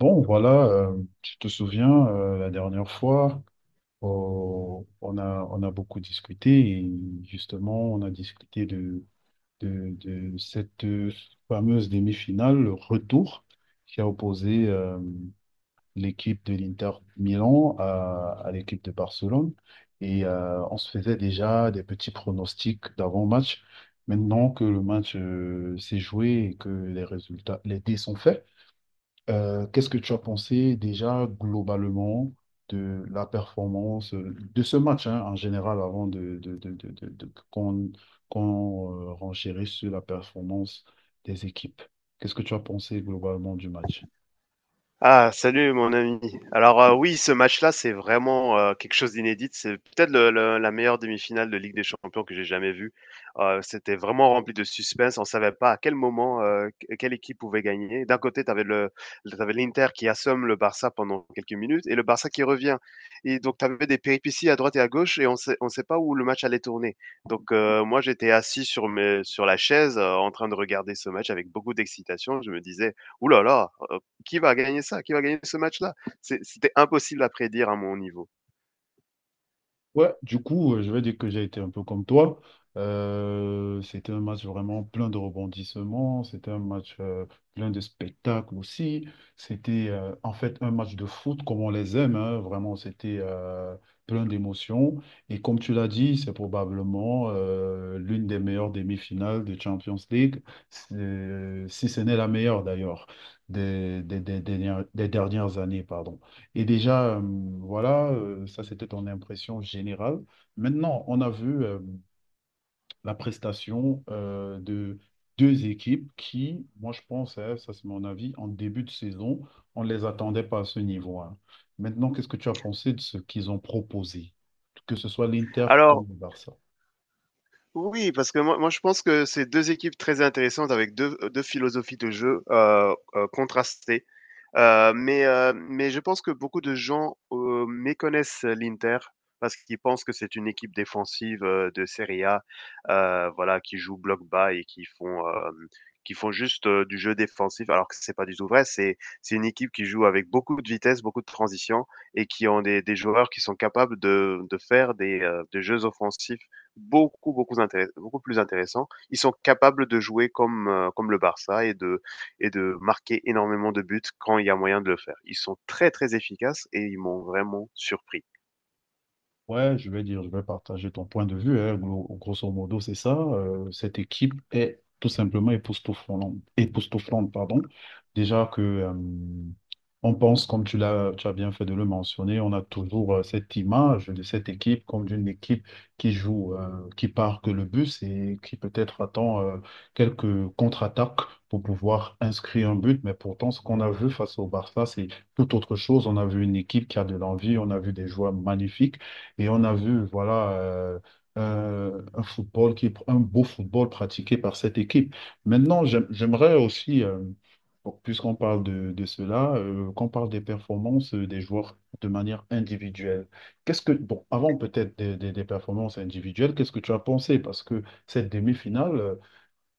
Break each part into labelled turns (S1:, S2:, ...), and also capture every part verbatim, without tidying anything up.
S1: Bon, voilà, euh, tu te souviens, euh, la dernière fois, oh, on a, on a beaucoup discuté et justement, on a discuté de, de, de cette fameuse demi-finale, le retour, qui a opposé euh, l'équipe de l'Inter Milan à, à l'équipe de Barcelone. Et euh, on se faisait déjà des petits pronostics d'avant-match. Maintenant que le match euh, s'est joué et que les résultats, les dés sont faits, euh, qu'est-ce que tu as pensé déjà globalement de la performance euh, de ce match hein, en général avant de, de- de- de- de- de- qu'on qu'on euh, renchérisse sur la performance des équipes? Qu'est-ce que tu as pensé globalement du match?
S2: Ah, salut mon ami. Alors euh, oui, ce match-là, c'est vraiment euh, quelque chose d'inédit. C'est peut-être le, le- la meilleure demi-finale de Ligue des Champions que j'ai jamais vue. Euh, c'était vraiment rempli de suspense. On savait pas à quel moment euh, que- quelle équipe pouvait gagner. D'un côté, tu avais le, t'avais l'Inter qui assomme le Barça pendant quelques minutes et le Barça qui revient. Et donc tu avais des péripéties à droite et à gauche et on sait, on sait pas où le match allait tourner. Donc euh, moi, j'étais assis sur mes, sur la chaise euh, en train de regarder ce match avec beaucoup d'excitation. Je me disais, ouh là là, euh, qui va gagner ça? Qui va gagner ce match-là? C'est- C'était impossible à prédire à mon niveau.
S1: Ouais, du coup, euh, je vais dire que j'ai été un peu comme toi. Euh, c'était un match vraiment plein de rebondissements, c'était un match euh, plein de spectacles aussi. C'était euh, en fait un match de foot comme on les aime, hein. Vraiment, c'était euh, plein d'émotions. Et comme tu l'as dit, c'est probablement euh, l'une des meilleures demi-finales de Champions League. C'est- si ce n'est la meilleure d'ailleurs des, des des dernières des dernières années, pardon. Et déjà, euh, voilà, euh, ça c'était ton impression générale. Maintenant, on a vu euh, la prestation euh, de deux équipes qui, moi je pense, hein, ça c'est mon avis, en début de saison, on ne les attendait pas à ce niveau, hein. Maintenant, qu'est-ce que tu as pensé de ce qu'ils ont proposé, que ce soit l'Inter
S2: Alors,
S1: comme le Barça?
S2: oui, parce que moi, moi je pense que c'est deux équipes très intéressantes avec deux heu, philosophies de jeu, heu heu, contrastées. Heu, mais heu, mais je pense que beaucoup de gens, heu, méconnaissent l'Inter parce qu'ils pensent que c'est une équipe défensive, heu, de Serie A, heu, voilà, qui joue bloc bas et qui font, hem, qui font juste, heu, du jeu défensif alors que c'est pas du tout vrai. C'est c'est une équipe qui joue avec beaucoup de vitesse, beaucoup de transition et qui ont des des joueurs qui sont capables de de faire des, heu, des jeux offensifs beaucoup, beaucoup, intéress- beaucoup plus intéressant. Ils sont capables de jouer comme, euh, comme le Barça et de, et de marquer énormément de buts quand il y a moyen de le faire. Ils sont très, très efficaces et ils m'ont vraiment surpris.
S1: Ouais, je vais dire, je vais partager ton point de vue, hein. Gro- Grosso modo, c'est ça. Euh, cette équipe est tout simplement époustouflante, époustouflante, pardon. Déjà que euh, on pense, comme tu l'as, tu as bien fait de le mentionner, on a toujours euh, cette image de cette équipe comme d'une équipe qui joue, euh, qui part que le bus et qui peut-être attend euh, quelques contre-attaques pour pouvoir inscrire un but. Mais pourtant, ce qu'on a vu face au Barça, c'est tout autre chose. On a vu une équipe qui a de l'envie, on a vu des joueurs magnifiques. Et on a vu, voilà, euh, un, un football qui, un beau football pratiqué par cette équipe. Maintenant, j'aim- j'aimerais aussi, euh, bon, puisqu'on parle de, de cela, euh, qu'on parle des performances euh, des joueurs de manière individuelle. Qu'est-ce que, bon, avant peut-être des, des- des performances individuelles, qu'est-ce que tu as pensé? Parce que cette demi-finale, euh,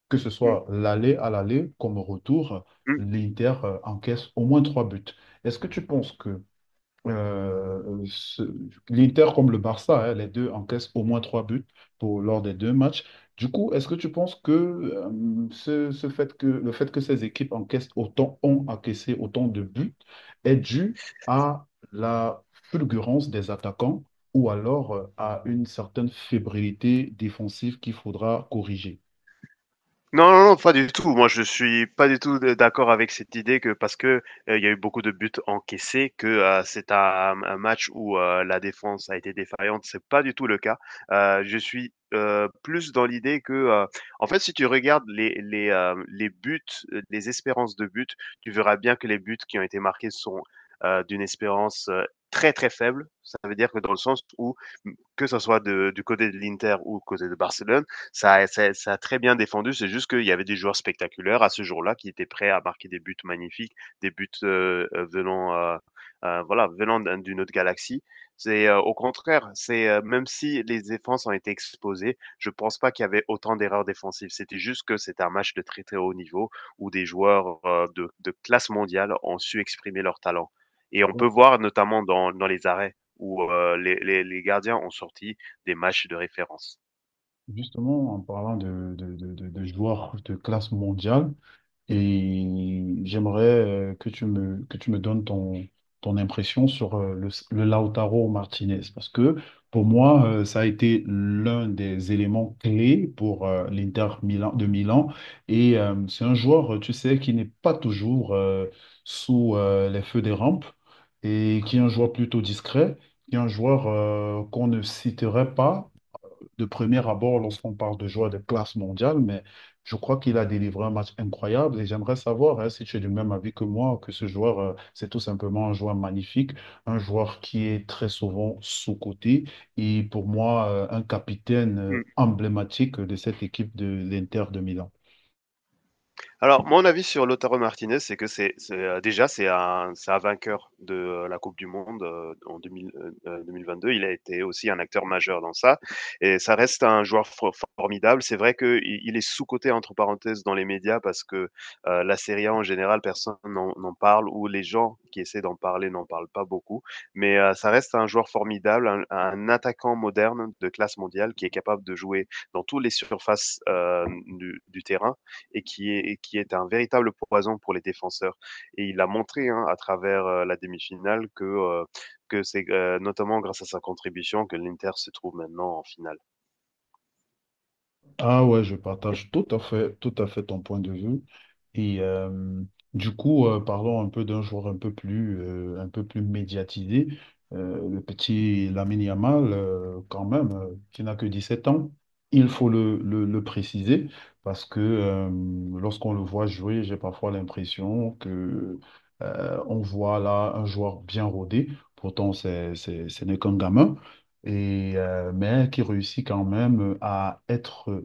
S1: que ce
S2: Mm,
S1: soit l'aller à l'aller comme au retour,
S2: mm.
S1: l'Inter euh, encaisse au moins trois buts. Est-ce que tu penses que euh, ce- l'Inter comme le Barça, hein, les deux encaissent au moins trois buts pour, lors des deux matchs. Du coup, est-ce que tu penses que, euh, ce, ce fait que le fait que ces équipes encaissent autant, ont encaissé autant de buts est dû à la fulgurance des attaquants ou alors euh, à une certaine fébrilité défensive qu'il faudra corriger?
S2: Non, non, non, pas du tout. Moi, je suis pas du tout d- d'accord avec cette idée que parce que euh, il y a eu beaucoup de buts encaissés, que euh, c'est un, un match où euh, la défense a été défaillante. C'est pas du tout le cas. Euh, je suis euh, plus dans l'idée que, euh, en fait, si tu regardes les les euh, les buts, euh, les espérances de buts, tu verras bien que les buts qui ont été marqués sont euh, d'une espérance euh, très très faible. Ça veut dire que dans le sens où que ce soit de- du côté de l'Inter ou du côté de Barcelone ça ça, ça a très bien défendu, c'est juste qu'il y avait des joueurs spectaculaires à ce jour-là qui étaient prêts à marquer des buts magnifiques, des buts, heu, heu, venant, heu, heu, voilà, venant d'un d'une autre galaxie. C'est, heu, au contraire, c'est, heu, même si les défenses ont été exposées, je pense pas qu'il y avait autant d'erreurs défensives. C'était juste que c'était un match de très, très haut niveau où des joueurs, heu, de de classe mondiale ont su exprimer leur talent et on peut voir notamment dans dans les arrêts où, heu, les les les gardiens ont sorti des matchs de référence.
S1: Justement, en parlant de, de, de, de de joueurs de classe mondiale, et j'aimerais euh, que tu me, que tu me donnes ton, ton impression sur euh, le, le Lautaro Martinez, parce que pour moi, euh, ça a été l'un des éléments clés pour euh, l'Inter Milan, de Milan. Et euh, c'est un joueur, tu sais, qui n'est pas toujours euh, sous euh, les feux des rampes, et qui est un joueur plutôt discret, qui est un joueur euh, qu'on ne citerait pas de premier abord lorsqu'on parle de joueurs de classe mondiale, mais je crois qu'il a délivré un match incroyable et j'aimerais savoir hein, si tu es du même avis que moi, que ce joueur, euh, c'est tout simplement un joueur magnifique, un joueur qui est très souvent sous-coté et pour moi, euh, un capitaine euh,
S2: Mmh.
S1: emblématique de cette équipe de l'Inter de Milan.
S2: Alors, mon avis sur Lautaro Martinez, c'est que c'est c'est, heu, déjà, c'est un c'est un vainqueur de, heu, la Coupe du monde, heu, en deux mille vingt deux. Mille vingt-deux. Il a été aussi un acteur majeur dans ça et ça reste un joueur for formidable. C'est vrai qu'il il il est «sous-coté» entre parenthèses dans les médias parce que, heu, la Serie A en général, personne n'en n'en parle ou les gens qui essaient d'en parler n'en parlent pas beaucoup. Mais, heu, ça reste un joueur formidable, un un attaquant moderne de classe mondiale qui est capable de jouer dans toutes les surfaces, hem, du du terrain et qui est, et qui est un véritable poison pour les défenseurs. Et il a montré hein, à travers euh, la demi-finale que, euh, que c'est euh, notamment grâce à sa contribution que l'Inter se trouve maintenant en finale.
S1: Ah ouais, je partage tout à fait, tout à fait ton point de vue. Et euh, du coup, euh, parlons un peu d'un joueur un peu plus, euh, un peu plus médiatisé, euh, le petit Lamine Yamal, euh, quand même, euh, qui n'a que dix-sept ans. Il faut le, le- le préciser parce que euh, lorsqu'on le voit jouer, j'ai parfois l'impression que euh, on voit là un joueur bien rodé. Pourtant, c'est, c'est, ce n'est qu'un gamin et, euh, mais qui réussit quand même à être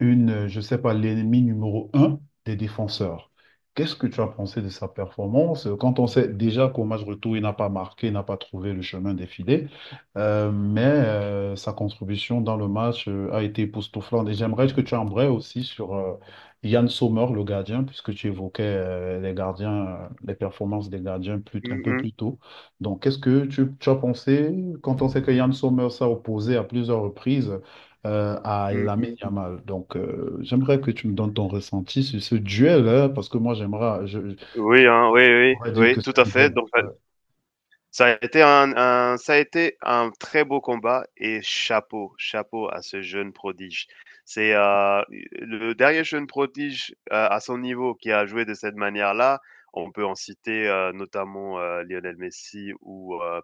S1: une, euh, je sais pas, l'ennemi numéro un des défenseurs. Qu'est-ce que tu as pensé de sa performance euh, quand on sait déjà qu'au match retour, il n'a pas marqué, il n'a pas trouvé le chemin des euh, Mais euh, sa contribution dans le match euh, a été époustouflante. Et j'aimerais que tu embrayes aussi sur euh, Yann Sommer, le gardien, puisque tu évoquais euh, les gardiens, euh, les performances des gardiens plus, un
S2: Mm,
S1: peu
S2: mm,
S1: plus tôt. Donc, qu'est-ce que tu, tu as pensé quand on sait que Yann Sommer s'est opposé à plusieurs reprises? Euh, à
S2: mm,
S1: Lamine
S2: mm.
S1: Yamal. Donc, euh, j'aimerais que tu me donnes ton ressenti sur ce duel, hein, parce que moi, j'aimerais, je, je-
S2: Oui, hein, oui, oui,
S1: j'aurais dit
S2: oui,
S1: que
S2: tout
S1: c'est un
S2: à fait.
S1: duel.
S2: Donc, euh,
S1: Ouais.
S2: ça a été un, un- ça a été un très beau combat et chapeau, chapeau à ce jeune prodige. C'est euh, le dernier jeune prodige euh, à son niveau qui a joué de cette manière-là. On peut en citer euh, notamment euh, Lionel Messi ou, euh,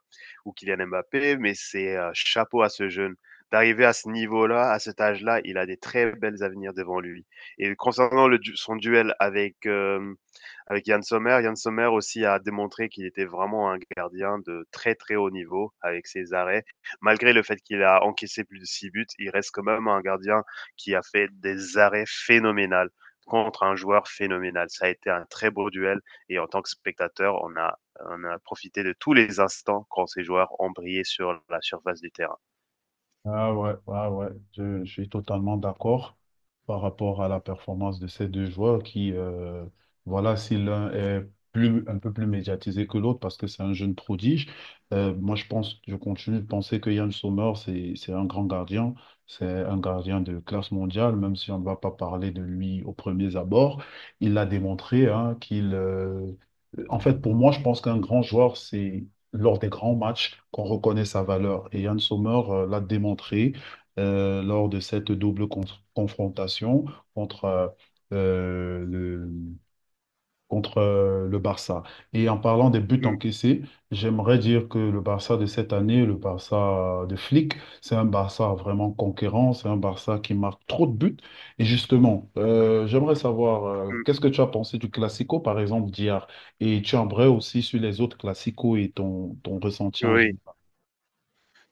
S2: ou Kylian Mbappé, mais c'est euh, chapeau à ce jeune. D'arriver à ce niveau-là, à cet âge-là, il a des très belles avenirs devant lui. Et concernant le, du- son duel avec, euh, avec Yann Sommer, Yann Sommer aussi a démontré qu'il était vraiment un gardien de très très haut niveau avec ses arrêts. Malgré le fait qu'il a encaissé plus de six buts, il reste quand même un gardien qui a fait des arrêts phénoménales contre un joueur phénoménal. Ça a été un très beau duel et en tant que spectateur, on a, on a profité de tous les instants quand ces joueurs ont brillé sur la surface du terrain.
S1: Ah ouais, ah ouais, je, je suis totalement d'accord par rapport à la performance de ces deux joueurs qui, euh, voilà, si l'un est plus, un peu plus médiatisé que l'autre parce que c'est un jeune prodige, euh, moi je pense, je continue de penser que Yann Sommer, c'est, c'est un grand gardien, c'est un gardien de classe mondiale, même si on ne va pas parler de lui aux premiers abords. Il l'a démontré, hein, qu'il, euh, en fait, pour moi, je pense qu'un grand joueur, c'est lors des grands matchs qu'on reconnaît sa valeur. Et Yann Sommer euh, l'a démontré euh, lors de cette double con- confrontation contre euh, euh, le, contre euh, le Barça. Et en parlant des buts
S2: Mm,
S1: encaissés, j'aimerais dire que le Barça de cette année, le Barça de Flick, c'est un Barça vraiment conquérant, c'est un Barça qui marque trop de buts. Et justement, euh, j'aimerais savoir, euh,
S2: mm,
S1: qu'est-ce que tu as pensé du Classico, par exemple, d'hier? Et tu aimerais aussi sur les autres Classicos et ton, ton ressenti en
S2: oui,
S1: général.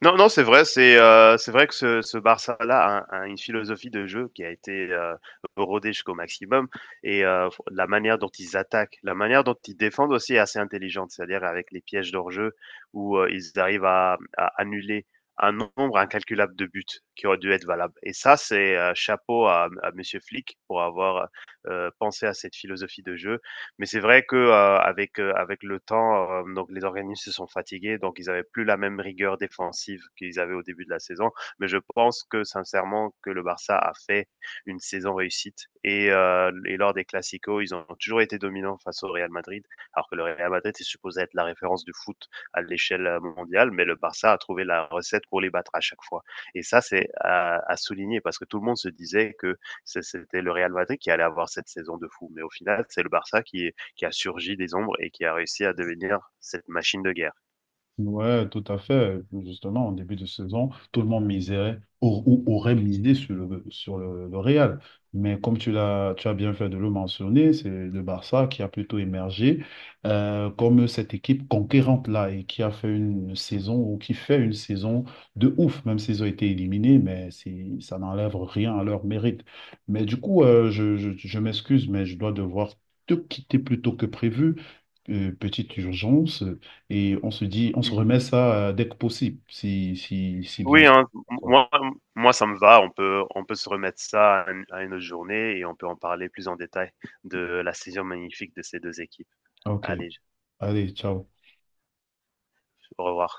S2: non, non, c'est vrai. C'est euh, c'est vrai que ce, ce Barça-là a, a une philosophie de jeu qui a été euh, rodée jusqu'au maximum. Et euh, la manière dont ils attaquent, la manière dont ils défendent aussi est assez intelligente. C'est-à-dire avec les pièges d'hors-jeu où euh, ils arrivent à, à annuler un nombre incalculable de buts qui auraient dû être valables. Et ça, c'est euh, chapeau à, à Monsieur Flick pour avoir euh, pensé à cette philosophie de jeu mais c'est vrai que, heu, avec, heu, avec le temps, hem, donc les organismes se sont fatigués, donc ils avaient plus la même rigueur défensive qu'ils avaient au début de la saison. Mais je pense que sincèrement que le Barça a fait une saison réussite et heu, et lors des clasico, ils ont toujours été dominants face au Real Madrid, alors que le Real Madrid est supposé être la référence du foot à l'échelle mondiale, mais le Barça a trouvé la recette pour les battre à chaque fois. Et ça, c'est à à souligner parce que tout le monde se disait que c'est c'était le Real Madrid qui allait avoir cette saison de fou, mais au final, c'est le Barça qui qui a surgi des ombres et qui a réussi à devenir cette machine de guerre.
S1: Ouais, tout à fait. Justement, en début de saison, tout le monde miserait au- ou aurait misé sur le, sur le, le Real. Mais comme tu l'as, tu as bien fait de le mentionner, c'est le Barça qui a plutôt émergé euh, comme cette équipe conquérante-là et qui a fait une saison ou qui fait une saison de ouf, même s'ils ont été éliminés, mais c'est, ça n'enlève rien à leur mérite. Mais du coup, euh, je, je, je m'excuse, mais je dois devoir te quitter plus tôt que prévu. Euh, petite urgence. Et on se dit, on se remet ça euh, dès que possible, si, si, si bien
S2: Oui,
S1: sûr.
S2: hein,
S1: D'accord.
S2: moi, moi, ça me va. On peut, on peut se remettre ça à une, à une autre journée et on peut en parler plus en détail de la saison magnifique de ces deux équipes.
S1: Ok.
S2: Allez,
S1: Allez, ciao.
S2: au revoir.